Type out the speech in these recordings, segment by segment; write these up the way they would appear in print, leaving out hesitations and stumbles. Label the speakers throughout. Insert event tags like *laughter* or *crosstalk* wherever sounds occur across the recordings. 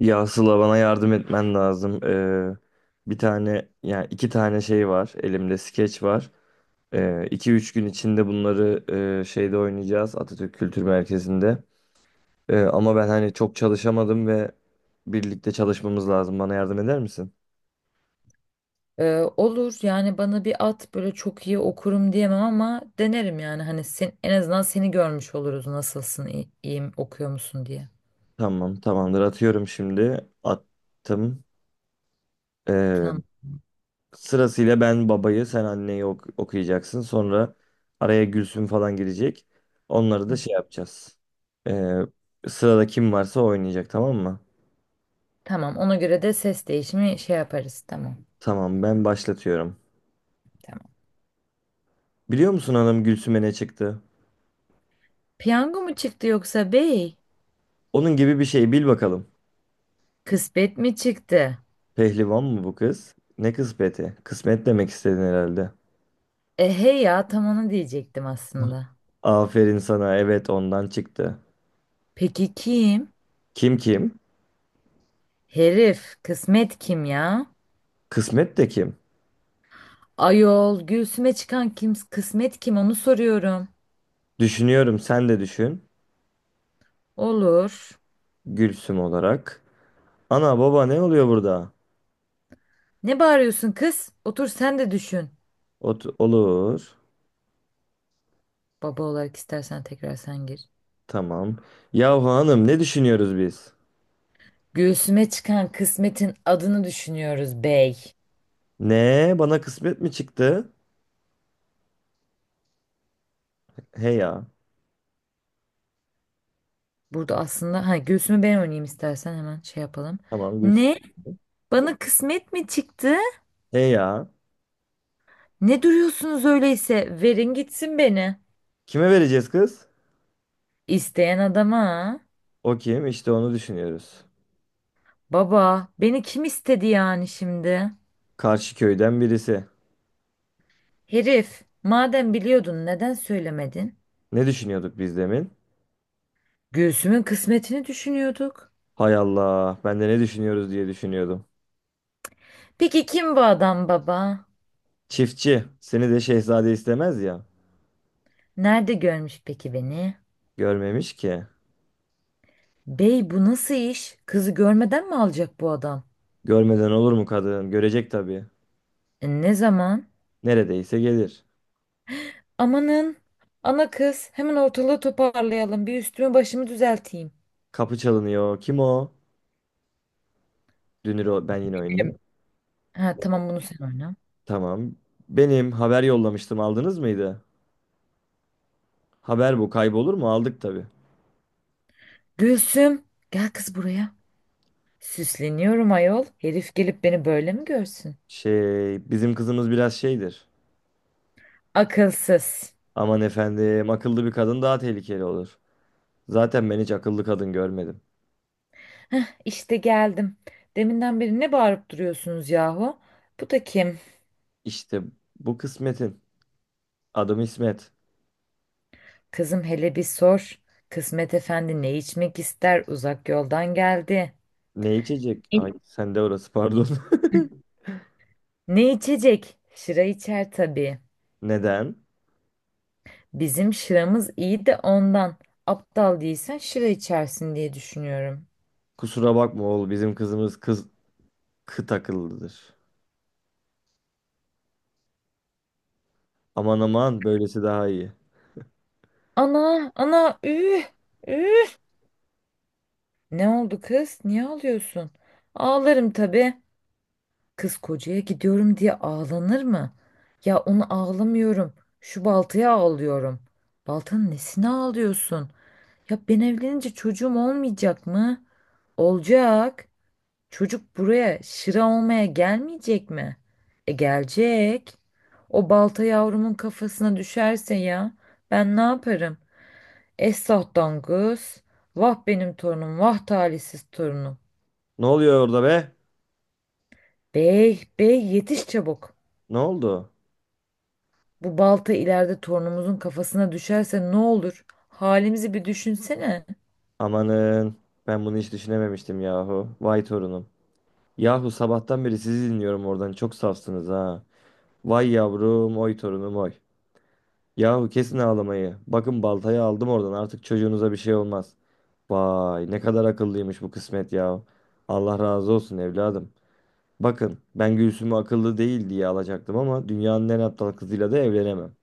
Speaker 1: Ya Sıla bana yardım etmen lazım. Bir tane yani iki tane şey var. Elimde skeç var. İki üç gün içinde bunları şeyde oynayacağız Atatürk Kültür Merkezi'nde. Ama ben hani çok çalışamadım ve birlikte çalışmamız lazım. Bana yardım eder misin?
Speaker 2: Ee, olur yani bana bir at böyle çok iyi okurum diyemem ama denerim yani hani sen, en azından seni görmüş oluruz nasılsın iyi, iyiyim okuyor musun diye.
Speaker 1: Tamam, tamamdır. Atıyorum şimdi. Attım. Ee,
Speaker 2: Tamam.
Speaker 1: Sırasıyla ben babayı, sen anneyi okuyacaksın. Sonra araya Gülsüm falan girecek. Onları da
Speaker 2: Hı.
Speaker 1: şey yapacağız. Ee, Sırada kim varsa oynayacak, tamam mı?
Speaker 2: Tamam ona göre de ses değişimi şey yaparız tamam.
Speaker 1: Tamam, ben başlatıyorum.
Speaker 2: Tamam.
Speaker 1: Biliyor musun hanım, Gülsüm'e ne çıktı?
Speaker 2: Piyango mu çıktı yoksa bey?
Speaker 1: Onun gibi bir şey, bil bakalım.
Speaker 2: Kısmet mi çıktı?
Speaker 1: Pehlivan mı bu kız? Ne kısmeti? Kısmet demek istedin herhalde.
Speaker 2: E hey ya tam onu diyecektim aslında.
Speaker 1: Aferin sana, evet, ondan çıktı.
Speaker 2: Peki kim?
Speaker 1: Kim kim?
Speaker 2: Herif kısmet kim ya?
Speaker 1: Kısmet de kim?
Speaker 2: Ayol göğsüme çıkan kim kısmet kim onu soruyorum.
Speaker 1: Düşünüyorum, sen de düşün.
Speaker 2: Olur.
Speaker 1: Gülsüm olarak. Ana baba ne oluyor burada?
Speaker 2: Ne bağırıyorsun kız? Otur sen de düşün.
Speaker 1: Olur.
Speaker 2: Baba olarak istersen tekrar sen gir.
Speaker 1: Tamam. Yahu hanım, ne düşünüyoruz biz?
Speaker 2: Göğsüme çıkan kısmetin adını düşünüyoruz bey.
Speaker 1: Ne? Bana kısmet mi çıktı? He ya.
Speaker 2: Burada aslında ha göğsümü ben oynayayım istersen hemen şey yapalım.
Speaker 1: Tamam Gülsüm.
Speaker 2: Ne? Bana kısmet mi çıktı?
Speaker 1: He ya.
Speaker 2: Ne duruyorsunuz öyleyse? Verin gitsin beni.
Speaker 1: Kime vereceğiz kız?
Speaker 2: İsteyen adama. Ha?
Speaker 1: O kim? İşte onu düşünüyoruz.
Speaker 2: Baba, beni kim istedi yani şimdi?
Speaker 1: Karşı köyden birisi.
Speaker 2: Herif, madem biliyordun neden söylemedin?
Speaker 1: Ne düşünüyorduk biz demin?
Speaker 2: Göğsümün kısmetini düşünüyorduk.
Speaker 1: Hay Allah. Ben de ne düşünüyoruz diye düşünüyordum.
Speaker 2: Peki kim bu adam baba?
Speaker 1: Çiftçi. Seni de şehzade istemez ya.
Speaker 2: Nerede görmüş peki beni?
Speaker 1: Görmemiş ki.
Speaker 2: Bey bu nasıl iş? Kızı görmeden mi alacak bu adam?
Speaker 1: Görmeden olur mu kadın? Görecek tabii.
Speaker 2: Ne zaman?
Speaker 1: Neredeyse gelir.
Speaker 2: Amanın. Ana kız hemen ortalığı toparlayalım. Bir üstümü başımı düzelteyim.
Speaker 1: Kapı çalınıyor. Kim o? Ben yine oynayayım.
Speaker 2: Ha tamam bunu sen oyna.
Speaker 1: Tamam. Benim haber yollamıştım, aldınız mıydı? Haber bu kaybolur mu? Aldık tabii.
Speaker 2: Gülsüm gel kız buraya. Süsleniyorum ayol. Herif gelip beni böyle mi görsün?
Speaker 1: Şey, bizim kızımız biraz şeydir.
Speaker 2: Akılsız.
Speaker 1: Aman efendim, akıllı bir kadın daha tehlikeli olur. Zaten ben hiç akıllı kadın görmedim.
Speaker 2: İşte geldim. Deminden beri ne bağırıp duruyorsunuz yahu? Bu da kim?
Speaker 1: İşte bu kısmetin. Adım İsmet.
Speaker 2: Kızım hele bir sor. Kısmet Efendi ne içmek ister? Uzak yoldan geldi.
Speaker 1: Ne içecek? Ay
Speaker 2: İ-
Speaker 1: sen de, orası pardon.
Speaker 2: Ne içecek? Şıra içer tabii.
Speaker 1: *laughs* Neden?
Speaker 2: Bizim şıramız iyi de ondan. Aptal değilsen şıra içersin diye düşünüyorum.
Speaker 1: Kusura bakma oğul, bizim kızımız kıt akıllıdır. Aman aman, böylesi daha iyi.
Speaker 2: Ana, ana, üh, üh. Ne oldu kız? Niye ağlıyorsun? Ağlarım tabii. Kız kocaya gidiyorum diye ağlanır mı? Ya onu ağlamıyorum. Şu baltaya ağlıyorum. Baltanın nesine ağlıyorsun? Ya ben evlenince çocuğum olmayacak mı? Olacak. Çocuk buraya şıra olmaya gelmeyecek mi? E gelecek. O balta yavrumun kafasına düşerse ya ben ne yaparım? Esah dangus. Vah benim torunum, vah talihsiz torunum.
Speaker 1: Ne oluyor orada be?
Speaker 2: Bey, bey yetiş çabuk.
Speaker 1: Ne oldu?
Speaker 2: Bu balta ileride torunumuzun kafasına düşerse ne olur? Halimizi bir düşünsene.
Speaker 1: Amanın, ben bunu hiç düşünememiştim yahu. Vay torunum. Yahu sabahtan beri sizi dinliyorum, oradan çok safsınız ha. Vay yavrum, oy torunum oy. Yahu kesin ağlamayı. Bakın, baltayı aldım oradan, artık çocuğunuza bir şey olmaz. Vay ne kadar akıllıymış bu kısmet yahu. Allah razı olsun evladım. Bakın, ben Gülsüm'ü akıllı değil diye alacaktım ama dünyanın en aptal kızıyla da evlenemem.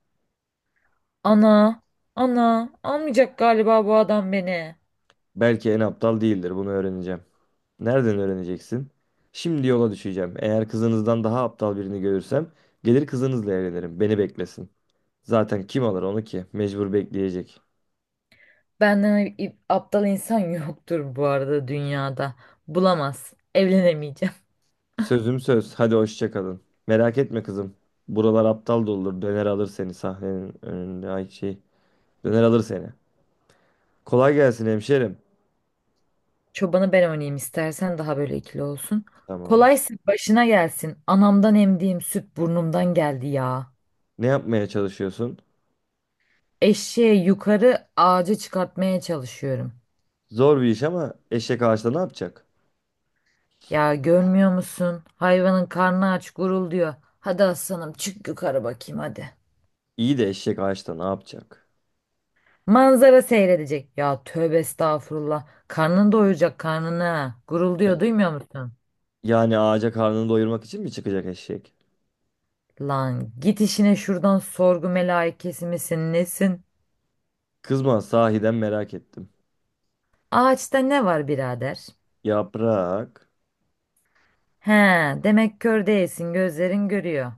Speaker 2: Ana, ana almayacak galiba bu adam beni.
Speaker 1: Belki en aptal değildir. Bunu öğreneceğim. Nereden öğreneceksin? Şimdi yola düşeceğim. Eğer kızınızdan daha aptal birini görürsem gelir kızınızla evlenirim. Beni beklesin. Zaten kim alır onu ki? Mecbur bekleyecek.
Speaker 2: Benden i- aptal insan yoktur bu arada dünyada. Bulamaz. Evlenemeyeceğim.
Speaker 1: Sözüm söz. Hadi hoşça kalın. Merak etme kızım. Buralar aptal doludur. Döner alır seni sahnenin önünde. Ay şey. Döner alır seni. Kolay gelsin hemşerim.
Speaker 2: Çobanı ben oynayayım istersen daha böyle ikili olsun.
Speaker 1: Tamam.
Speaker 2: Kolaysa başına gelsin. Anamdan emdiğim süt burnumdan geldi ya.
Speaker 1: Ne yapmaya çalışıyorsun?
Speaker 2: Eşeği yukarı ağaca çıkartmaya çalışıyorum.
Speaker 1: Zor bir iş ama eşek ağaçta ne yapacak?
Speaker 2: Ya görmüyor musun? Hayvanın karnı aç gurulduyor. Hadi aslanım çık yukarı bakayım hadi.
Speaker 1: İyi de eşek ağaçta ne yapacak?
Speaker 2: Manzara seyredecek. Ya tövbe estağfurullah. Karnını doyuracak karnını. Gurulduyor duymuyor musun?
Speaker 1: Yani ağaca karnını doyurmak için mi çıkacak eşek?
Speaker 2: Lan git işine şuradan sorgu melaikesi misin nesin?
Speaker 1: Kızma, sahiden merak ettim.
Speaker 2: Ağaçta ne var birader?
Speaker 1: Yaprak.
Speaker 2: He, demek kör değilsin gözlerin görüyor.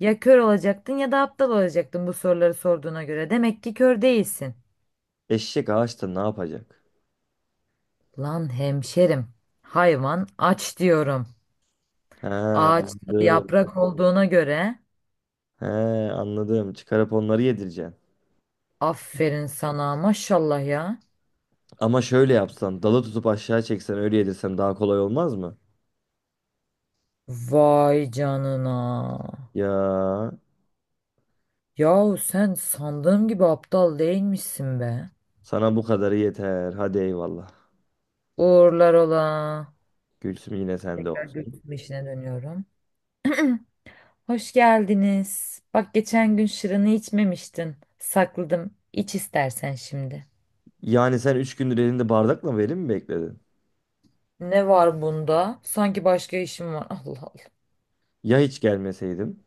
Speaker 2: Ya kör olacaktın ya da aptal olacaktın bu soruları sorduğuna göre. Demek ki kör değilsin.
Speaker 1: Eşek ağaçta ne yapacak?
Speaker 2: Lan hemşerim, hayvan aç diyorum.
Speaker 1: He,
Speaker 2: Ağaçta
Speaker 1: anladım.
Speaker 2: yaprak olduğuna göre
Speaker 1: He, anladım. Çıkarıp onları yedireceksin.
Speaker 2: aferin sana maşallah ya.
Speaker 1: Ama şöyle yapsan, dalı tutup aşağı çeksen, öyle yedirsen daha kolay olmaz mı?
Speaker 2: Vay canına.
Speaker 1: Ya
Speaker 2: Yahu sen sandığım gibi aptal değilmişsin be.
Speaker 1: sana bu kadarı yeter. Hadi eyvallah.
Speaker 2: Uğurlar ola.
Speaker 1: Gülsüm yine sende
Speaker 2: Tekrar
Speaker 1: olsun.
Speaker 2: görüşme işine dönüyorum. Hoş geldiniz. Bak geçen gün şırını içmemiştin. Sakladım. İç istersen şimdi.
Speaker 1: Yani sen 3 gündür elinde bardakla verim mi bekledin?
Speaker 2: Ne var bunda? Sanki başka işim var. *laughs* Allah Allah.
Speaker 1: Ya hiç gelmeseydim?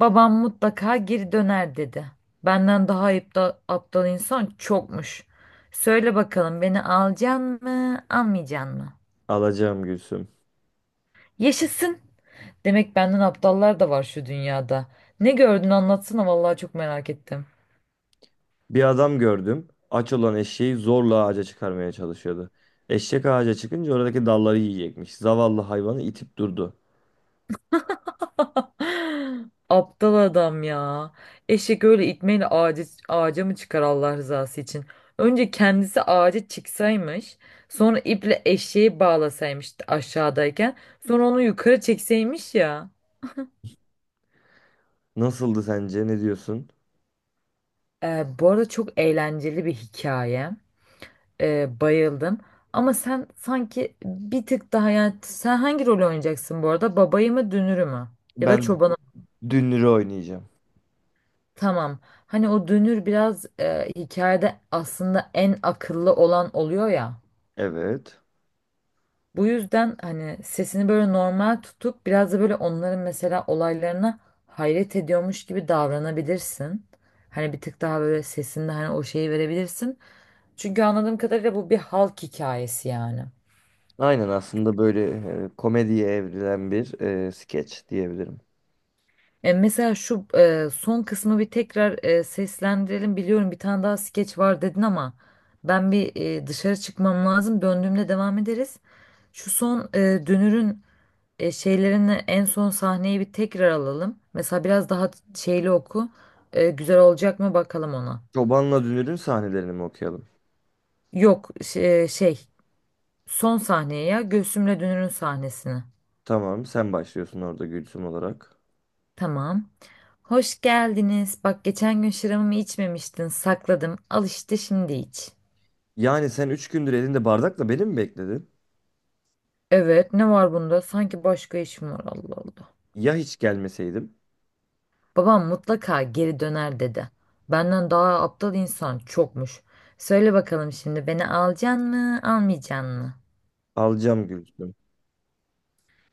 Speaker 2: Babam mutlaka geri döner dedi. Benden daha aptal insan çokmuş. Söyle bakalım beni alacaksın mı, almayacaksın mı?
Speaker 1: Alacağım Gülsüm.
Speaker 2: Yaşasın. Demek benden aptallar da var şu dünyada. Ne gördün anlatsana vallahi çok merak ettim.
Speaker 1: Bir adam gördüm. Aç olan eşeği zorla ağaca çıkarmaya çalışıyordu. Eşek ağaca çıkınca oradaki dalları yiyecekmiş. Zavallı hayvanı itip durdu.
Speaker 2: *laughs* Aptal adam ya. Eşek öyle itmeyle ağaca mı çıkar Allah rızası için? Önce kendisi ağaca çıksaymış. Sonra iple eşeği bağlasaymış aşağıdayken. Sonra onu yukarı çekseymiş ya.
Speaker 1: Nasıldı sence? Ne diyorsun?
Speaker 2: Bu arada çok eğlenceli bir hikaye. Bayıldım. Ama sen sanki bir tık daha yani sen hangi rolü oynayacaksın bu arada? Babayı mı dünürü mü? Ya da
Speaker 1: Ben
Speaker 2: çobanı.
Speaker 1: Dünür'ü oynayacağım.
Speaker 2: Tamam. Hani o dönür biraz hikayede aslında en akıllı olan oluyor ya.
Speaker 1: Evet.
Speaker 2: Bu yüzden hani sesini böyle normal tutup biraz da böyle onların mesela olaylarına hayret ediyormuş gibi davranabilirsin. Hani bir tık daha böyle sesinde hani o şeyi verebilirsin. Çünkü anladığım kadarıyla bu bir halk hikayesi yani.
Speaker 1: Aynen, aslında böyle komediye evrilen bir skeç diyebilirim.
Speaker 2: Mesela şu son kısmı bir tekrar seslendirelim. Biliyorum bir tane daha skeç var dedin ama ben bir dışarı çıkmam lazım. Döndüğümde devam ederiz. Şu son Dünür'ün şeylerini en son sahneyi bir tekrar alalım. Mesela biraz daha şeyli oku. Güzel olacak mı bakalım ona.
Speaker 1: Çobanla Dünür'ün sahnelerini mi okuyalım?
Speaker 2: Yok şey, şey son sahneye ya Gülsüm'le Dünür'ün sahnesini.
Speaker 1: Tamam, sen başlıyorsun orada Gülsüm olarak.
Speaker 2: Tamam. Hoş geldiniz. Bak geçen gün şıramımı içmemiştin. Sakladım. Al işte şimdi iç.
Speaker 1: Yani sen üç gündür elinde bardakla beni mi bekledin?
Speaker 2: Evet ne var bunda? Sanki başka işim var Allah Allah.
Speaker 1: Ya hiç gelmeseydim?
Speaker 2: Babam mutlaka geri döner dedi. Benden daha aptal insan çokmuş. Söyle bakalım şimdi beni alacaksın mı, almayacaksın mı?
Speaker 1: Alacağım Gülsüm.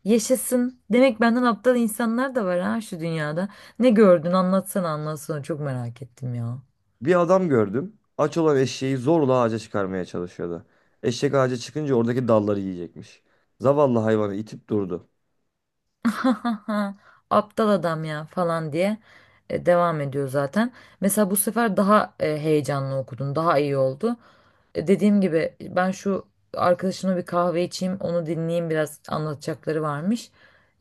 Speaker 2: Yaşasın. Demek benden aptal insanlar da var ha şu dünyada. Ne gördün anlatsana anlatsana çok merak ettim ya.
Speaker 1: Bir adam gördüm. Aç olan eşeği zorla ağaca çıkarmaya çalışıyordu. Eşek ağaca çıkınca oradaki dalları yiyecekmiş. Zavallı hayvanı itip durdu.
Speaker 2: *laughs* Aptal adam ya falan diye devam ediyor zaten. Mesela bu sefer daha heyecanlı okudun, daha iyi oldu. Dediğim gibi ben şu arkadaşımla bir kahve içeyim, onu dinleyeyim biraz anlatacakları varmış.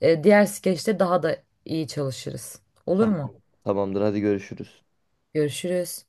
Speaker 2: Diğer skeçte daha da iyi çalışırız. Olur mu?
Speaker 1: Tamam. Tamamdır, hadi görüşürüz.
Speaker 2: Görüşürüz.